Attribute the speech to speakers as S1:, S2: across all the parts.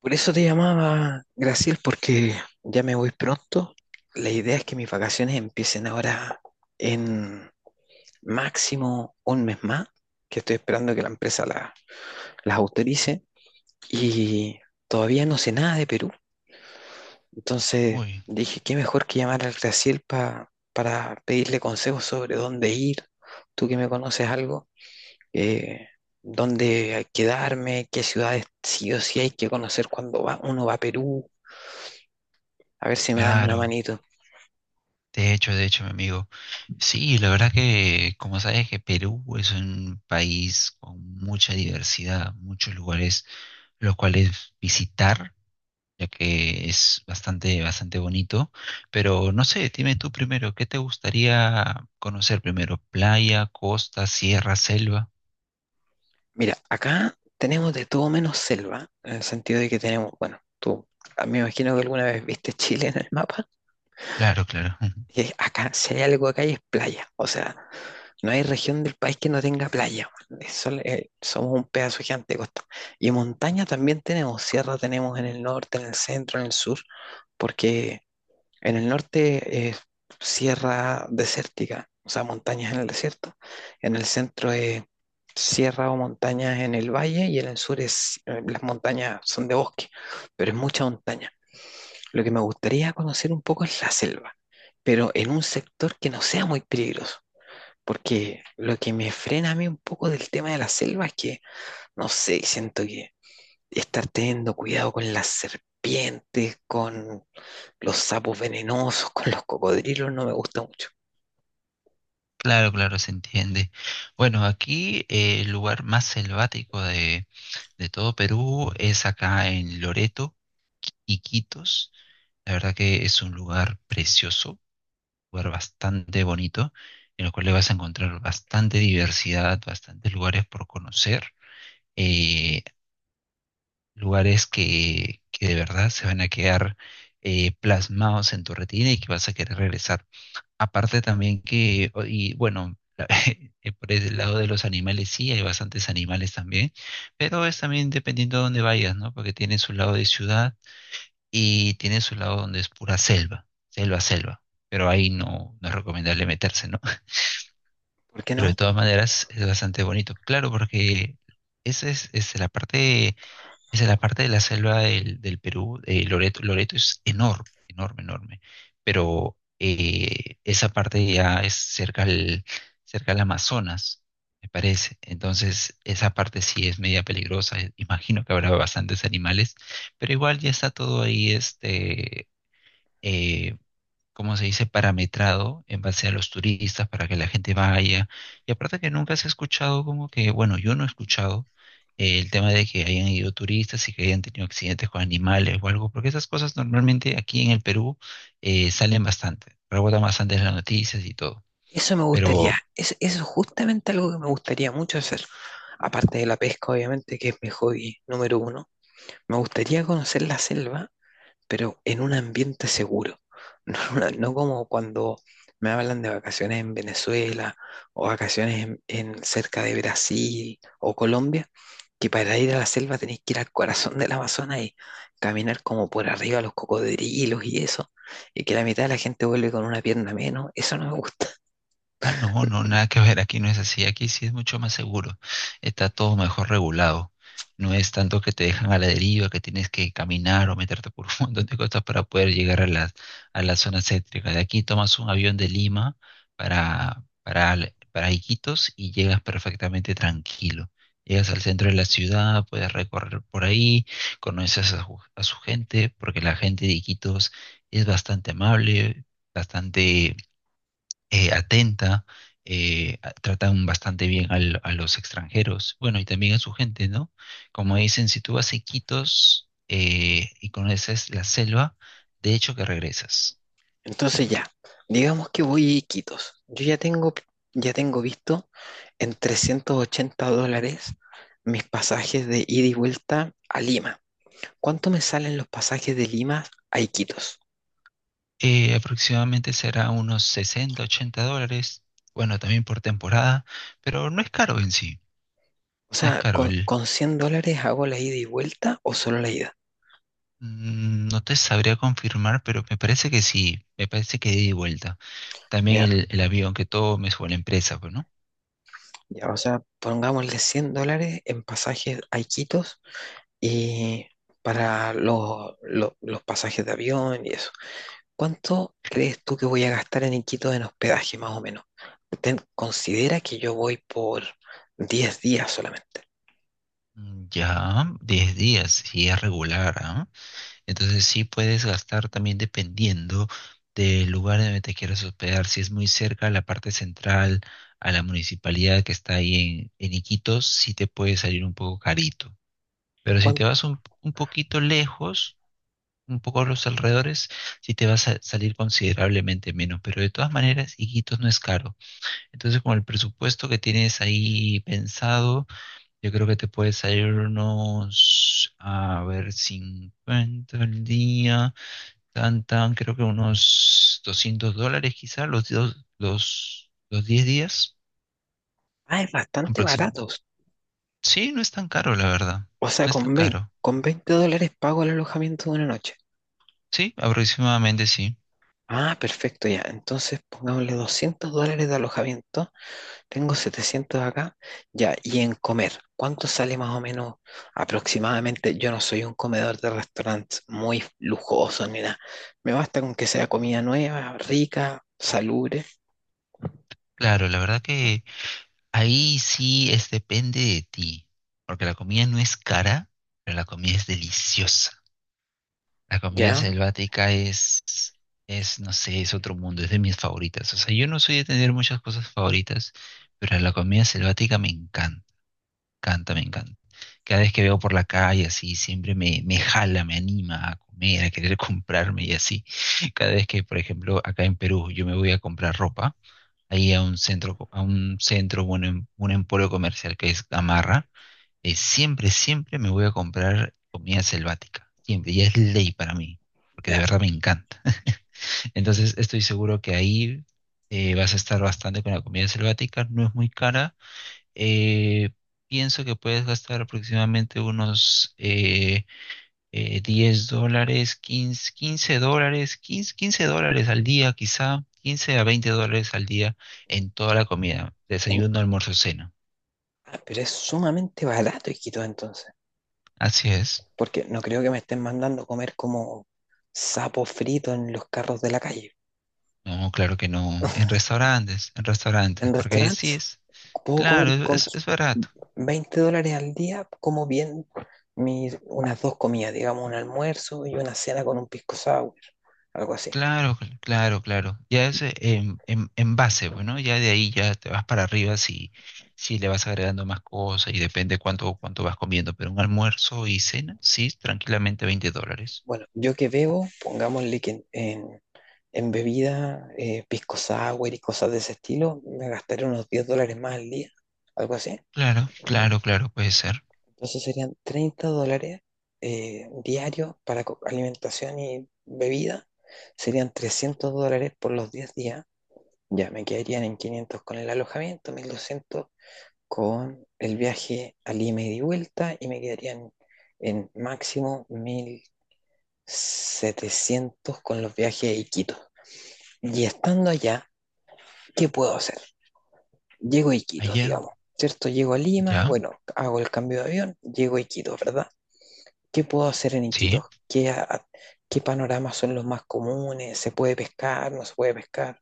S1: Por eso te llamaba, Graciel, porque ya me voy pronto. La idea es que mis vacaciones empiecen ahora en máximo un mes más, que estoy esperando que la empresa las autorice y todavía no sé nada de Perú. Entonces
S2: Uy,
S1: dije, ¿qué mejor que llamar al Graciel para pedirle consejos sobre dónde ir? Tú que me conoces algo, eh, dónde hay que quedarme, qué ciudades sí o sí hay que conocer cuando uno va a Perú. A ver si me das una
S2: claro.
S1: manito.
S2: De hecho, mi amigo. Sí, la verdad que, como sabes, que Perú es un país con mucha diversidad, muchos lugares los cuales visitar, ya que es bastante, bastante bonito. Pero no sé, dime tú primero, ¿qué te gustaría conocer primero? ¿Playa, costa, sierra, selva?
S1: Mira, acá tenemos de todo menos selva, en el sentido de que tenemos, bueno, tú, mí me imagino que alguna vez viste Chile en el mapa,
S2: Claro, claro,
S1: y acá, si hay algo acá, y es playa. O sea, no hay región del país que no tenga playa, man. Es somos un pedazo gigante de costa. Y montaña también tenemos, sierra tenemos en el norte, en el centro, en el sur, porque en el norte es sierra desértica, o sea, montañas en el desierto. En el centro es sierra o montañas en el valle y en el sur es, las montañas son de bosque, pero es mucha montaña. Lo que me gustaría conocer un poco es la selva, pero en un sector que no sea muy peligroso. Porque lo que me frena a mí un poco del tema de la selva es que, no sé, siento que estar teniendo cuidado con las serpientes, con los sapos venenosos, con los cocodrilos, no me gusta mucho.
S2: claro, claro, se entiende. Bueno, aquí el lugar más selvático de todo Perú es acá en Loreto y Quitos. La verdad que es un lugar precioso, lugar bastante bonito, en el cual le vas a encontrar bastante diversidad, bastantes lugares por conocer, eh, lugares que de verdad se van a quedar plasmados en tu retina y que vas a querer regresar. Aparte también que, y bueno, por el lado de los animales sí, hay bastantes animales también, pero es también dependiendo de dónde vayas, ¿no? Porque tiene su lado de ciudad y tiene su lado donde es pura selva, selva, selva. Pero ahí no, no es recomendable meterse, ¿no?
S1: ¿Por qué
S2: Pero de
S1: no?
S2: todas maneras es bastante bonito. Claro, porque esa es la parte esa es la parte de la selva del Perú. Loreto es enorme, enorme, enorme. Pero esa parte ya es cerca al, Amazonas, me parece. Entonces, esa parte sí es media peligrosa. Imagino que habrá bastantes animales, pero igual ya está todo ahí este, eh, como se dice, parametrado en base a los turistas para que la gente vaya. Y aparte que nunca se ha escuchado como que, bueno, yo no he escuchado el tema de que hayan ido turistas y que hayan tenido accidentes con animales o algo, porque esas cosas normalmente aquí en el Perú salen bastante, rebotan bastante en las noticias y todo.
S1: Eso me gustaría.
S2: Pero
S1: Es, eso es justamente algo que me gustaría mucho hacer. Aparte de la pesca, obviamente, que es mi hobby número uno. Me gustaría conocer la selva pero en un ambiente seguro. No, en no como cuando me hablan de vacaciones en Venezuela o vacaciones en cerca de Brasil o Colombia, que para ir a la selva tenés que ir al corazón del Amazonas y caminar como por arriba los cocodrilos y eso, y que la mitad de la gente vuelve con una pierna menos. Eso no me gusta.
S2: Ah, no, no, nada que ver, aquí no es así, aquí sí es mucho más seguro, está todo mejor regulado, no es tanto que te dejan a la deriva, que tienes que caminar o meterte por un montón de cosas para poder llegar a la zona céntrica. De aquí tomas un avión de Lima para Iquitos y llegas perfectamente tranquilo. Llegas al centro de la ciudad, puedes recorrer por ahí, conoces a su gente, porque la gente de Iquitos es bastante amable, bastante atenta, tratan bastante bien a los extranjeros, bueno, y también a su gente, ¿no? Como dicen, si tú vas a Iquitos y conoces la selva, de hecho que regresas.
S1: Entonces ya, digamos que voy a Iquitos. Ya tengo visto en $380 mis pasajes de ida y vuelta a Lima. ¿Cuánto me salen los pasajes de Lima a Iquitos?
S2: Aproximadamente será unos 60, $80, bueno, también por temporada, pero no es caro en sí,
S1: O
S2: no es
S1: sea,
S2: caro.
S1: con $100 hago la ida y vuelta o solo la ida?
S2: No te sabría confirmar, pero me parece que sí, me parece que de ida y vuelta. También
S1: Ya,
S2: el, avión que tomes o la empresa, pues, ¿no?
S1: ya, o sea, pongámosle $100 en pasajes a Iquitos y para los pasajes de avión y eso. ¿Cuánto crees tú que voy a gastar en Iquitos en hospedaje más o menos? Considera que yo voy por 10 días solamente.
S2: Ya, 10 días, y es regular, ¿ah? Entonces sí puedes gastar también dependiendo del lugar donde te quieras hospedar. Si es muy cerca a la parte central, a la municipalidad que está ahí en, Iquitos, sí te puede salir un poco carito. Pero si
S1: ¿Cuán-
S2: te vas un poquito lejos, un poco a los alrededores, sí te va a salir considerablemente menos. Pero de todas maneras, Iquitos no es caro. Entonces, con el presupuesto que tienes ahí pensado, yo creo que te puede salir unos, a ver, 50 al día, creo que unos $200 quizá, los 10 días
S1: Ah, es bastante barato.
S2: aproximadamente. Sí, no es tan caro, la verdad.
S1: O sea,
S2: No es tan caro.
S1: con $20 pago el alojamiento de una noche.
S2: Sí, aproximadamente sí.
S1: Ah, perfecto, ya. Entonces pongámosle $200 de alojamiento. Tengo 700 acá. Ya, y en comer, ¿cuánto sale más o menos aproximadamente? Yo no soy un comedor de restaurantes muy lujoso ni nada. Me basta con que sea comida nueva, rica, salubre.
S2: Claro, la verdad que ahí sí es depende de ti, porque la comida no es cara, pero la comida es deliciosa. La comida
S1: Ya,
S2: selvática es, no sé, es otro mundo, es de mis favoritas. O sea, yo no soy de tener muchas cosas favoritas, pero la comida selvática me encanta, encanta, me encanta. Cada vez que veo por la calle así, siempre me jala, me anima a comer, a querer comprarme y así. Cada vez que, por ejemplo, acá en Perú yo me voy a comprar ropa, ahí a un centro, a un centro, bueno, un emporio comercial que es Gamarra, siempre, siempre me voy a comprar comida selvática. Siempre, y es ley para mí, porque
S1: ya.
S2: de verdad me encanta. Entonces estoy seguro que ahí vas a estar bastante con la comida selvática, no es muy cara. Eh, Pienso que puedes gastar aproximadamente unos $10, 15 $15, 15 $15 al día quizá, 15 a 20 dólares al día en toda la comida,
S1: En-
S2: desayuno, almuerzo, cena.
S1: ah, pero es sumamente barato Iquitos, entonces.
S2: Así es.
S1: Porque no creo que me estén mandando comer como sapo frito en los carros de la calle.
S2: No, claro que no. En
S1: ¿En
S2: restaurantes, porque ahí sí
S1: restaurantes?
S2: es.
S1: Puedo comer
S2: Claro,
S1: con
S2: es barato.
S1: $20 al día, como bien mis, unas dos comidas, digamos, un almuerzo y una cena con un pisco sour, algo así.
S2: Claro, claro, claro. Ya es en, base, bueno, ya de ahí ya te vas para arriba si, le vas agregando más cosas y depende cuánto vas comiendo, pero un almuerzo y cena, sí, tranquilamente $20.
S1: Bueno, yo que bebo, pongámosle que en bebida, pisco sour y cosas de ese estilo, me gastaré unos $10 más al día, algo así.
S2: Claro, claro, claro, puede ser.
S1: Entonces serían $30 diarios para alimentación y bebida, serían $300 por los 10 días. Ya, me quedarían en 500 con el alojamiento, 1200 con el viaje a Lima y de vuelta y me quedarían en máximo 1700 con los viajes a Iquitos. Y estando allá, ¿qué puedo hacer? Llego a Iquitos,
S2: Allá,
S1: digamos, ¿cierto? Llego a Lima,
S2: ya,
S1: bueno, hago el cambio de avión, llego a Iquitos, ¿verdad? ¿Qué puedo hacer en
S2: sí.
S1: Iquitos? ¿Qué, a- ¿Qué panoramas son los más comunes? ¿Se puede pescar? ¿No se puede pescar?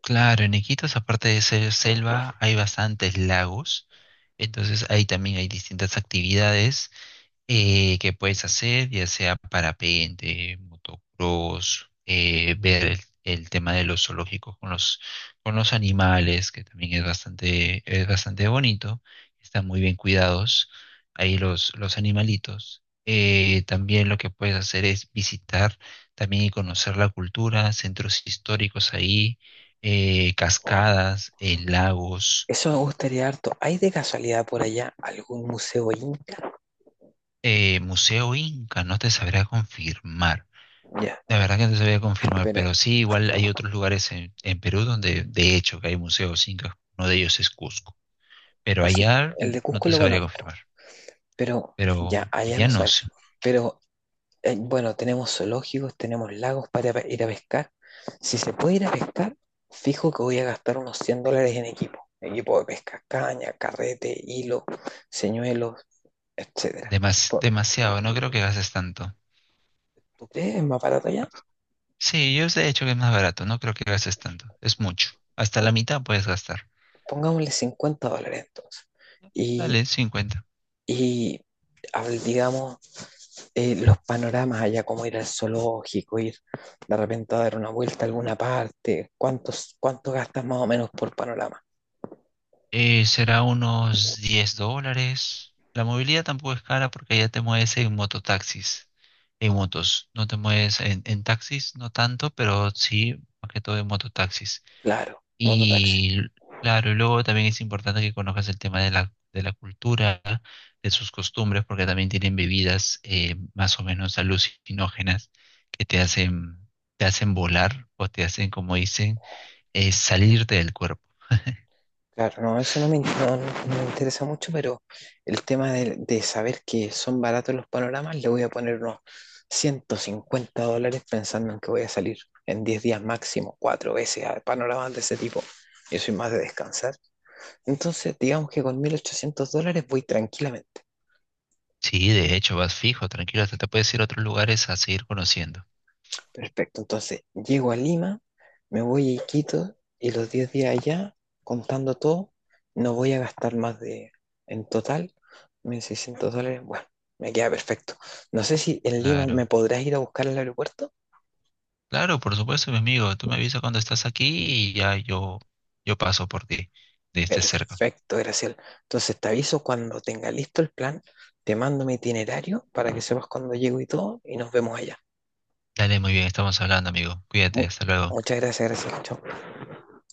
S2: Claro, en Iquitos, aparte de ser selva, hay bastantes lagos, entonces ahí también hay distintas actividades que puedes hacer, ya sea parapente, motocross, ver el, tema de los zoológicos con los animales, que también es bastante bonito, están muy bien cuidados ahí los animalitos. También lo que puedes hacer es visitar también y conocer la cultura, centros históricos ahí, cascadas, lagos,
S1: Eso me gustaría harto. ¿Hay de casualidad por allá algún museo inca?
S2: Museo Inca, no te sabrá confirmar.
S1: Ya,
S2: La verdad que no sabía confirmar,
S1: pero
S2: pero sí, igual hay otros lugares en Perú donde de hecho que hay museos incas, uno de ellos es Cusco, pero
S1: no, sí,
S2: allá
S1: el de
S2: no
S1: Cusco
S2: te
S1: lo
S2: sabría
S1: conozco,
S2: confirmar,
S1: pero
S2: pero
S1: ya, allá
S2: allá
S1: no
S2: no
S1: sabes.
S2: sé.
S1: Pero bueno, tenemos zoológicos, tenemos lagos para ir a pescar. Si se puede ir a pescar, fijo que voy a gastar unos $100 en equipo. Equipo de pesca, caña, carrete, hilo, señuelos, etcétera. Po-
S2: Demasiado, no creo que gastes tanto.
S1: ¿Tú crees es más barato allá?
S2: Sí, yo de hecho que es más barato, no creo que gastes tanto, es mucho, hasta la
S1: Po-
S2: mitad puedes gastar.
S1: Pongámosle $50 entonces. Y
S2: Dale, 50.
S1: Y digamos, los panoramas allá, como ir al zoológico, ir de repente a dar una vuelta a alguna parte, ¿cuánto gastas más o menos por panorama?
S2: Será unos $10. La movilidad tampoco es cara porque allá te mueves en mototaxis, en motos. No te mueves en, taxis, no tanto, pero sí, más que todo en mototaxis.
S1: Claro, mototaxi.
S2: Y claro, y luego también es importante que conozcas el tema de la cultura, de sus costumbres, porque también tienen bebidas más o menos alucinógenas que te hacen volar o te hacen, como dicen, salirte del cuerpo.
S1: Claro, no, eso no me, no me interesa mucho, pero el tema de saber que son baratos los panoramas, le voy a poner unos $150 pensando en que voy a salir en 10 días máximo, cuatro veces a panoramas de ese tipo. Yo soy más de descansar. Entonces, digamos que con $1,800 voy tranquilamente.
S2: Sí, de hecho, vas fijo, tranquilo, hasta te puedes ir a otros lugares a seguir conociendo.
S1: Perfecto, entonces llego a Lima, me voy a Iquitos y los 10 días allá, contando todo, no voy a gastar más de, en total, $1,600. Bueno, me queda perfecto. No sé si en Lima me
S2: Claro,
S1: podrás ir a buscar al aeropuerto.
S2: claro, por supuesto, mi amigo. Tú me avisas cuando estás aquí y ya yo, paso por ti, de este cerca.
S1: Perfecto, Graciel. Entonces te aviso cuando tenga listo el plan, te mando mi itinerario para que sepas cuándo llego y todo, y nos vemos allá.
S2: Dale, muy bien, estamos hablando, amigo. Cuídate,
S1: Mu-
S2: hasta luego.
S1: Muchas gracias, Graciel. Chao.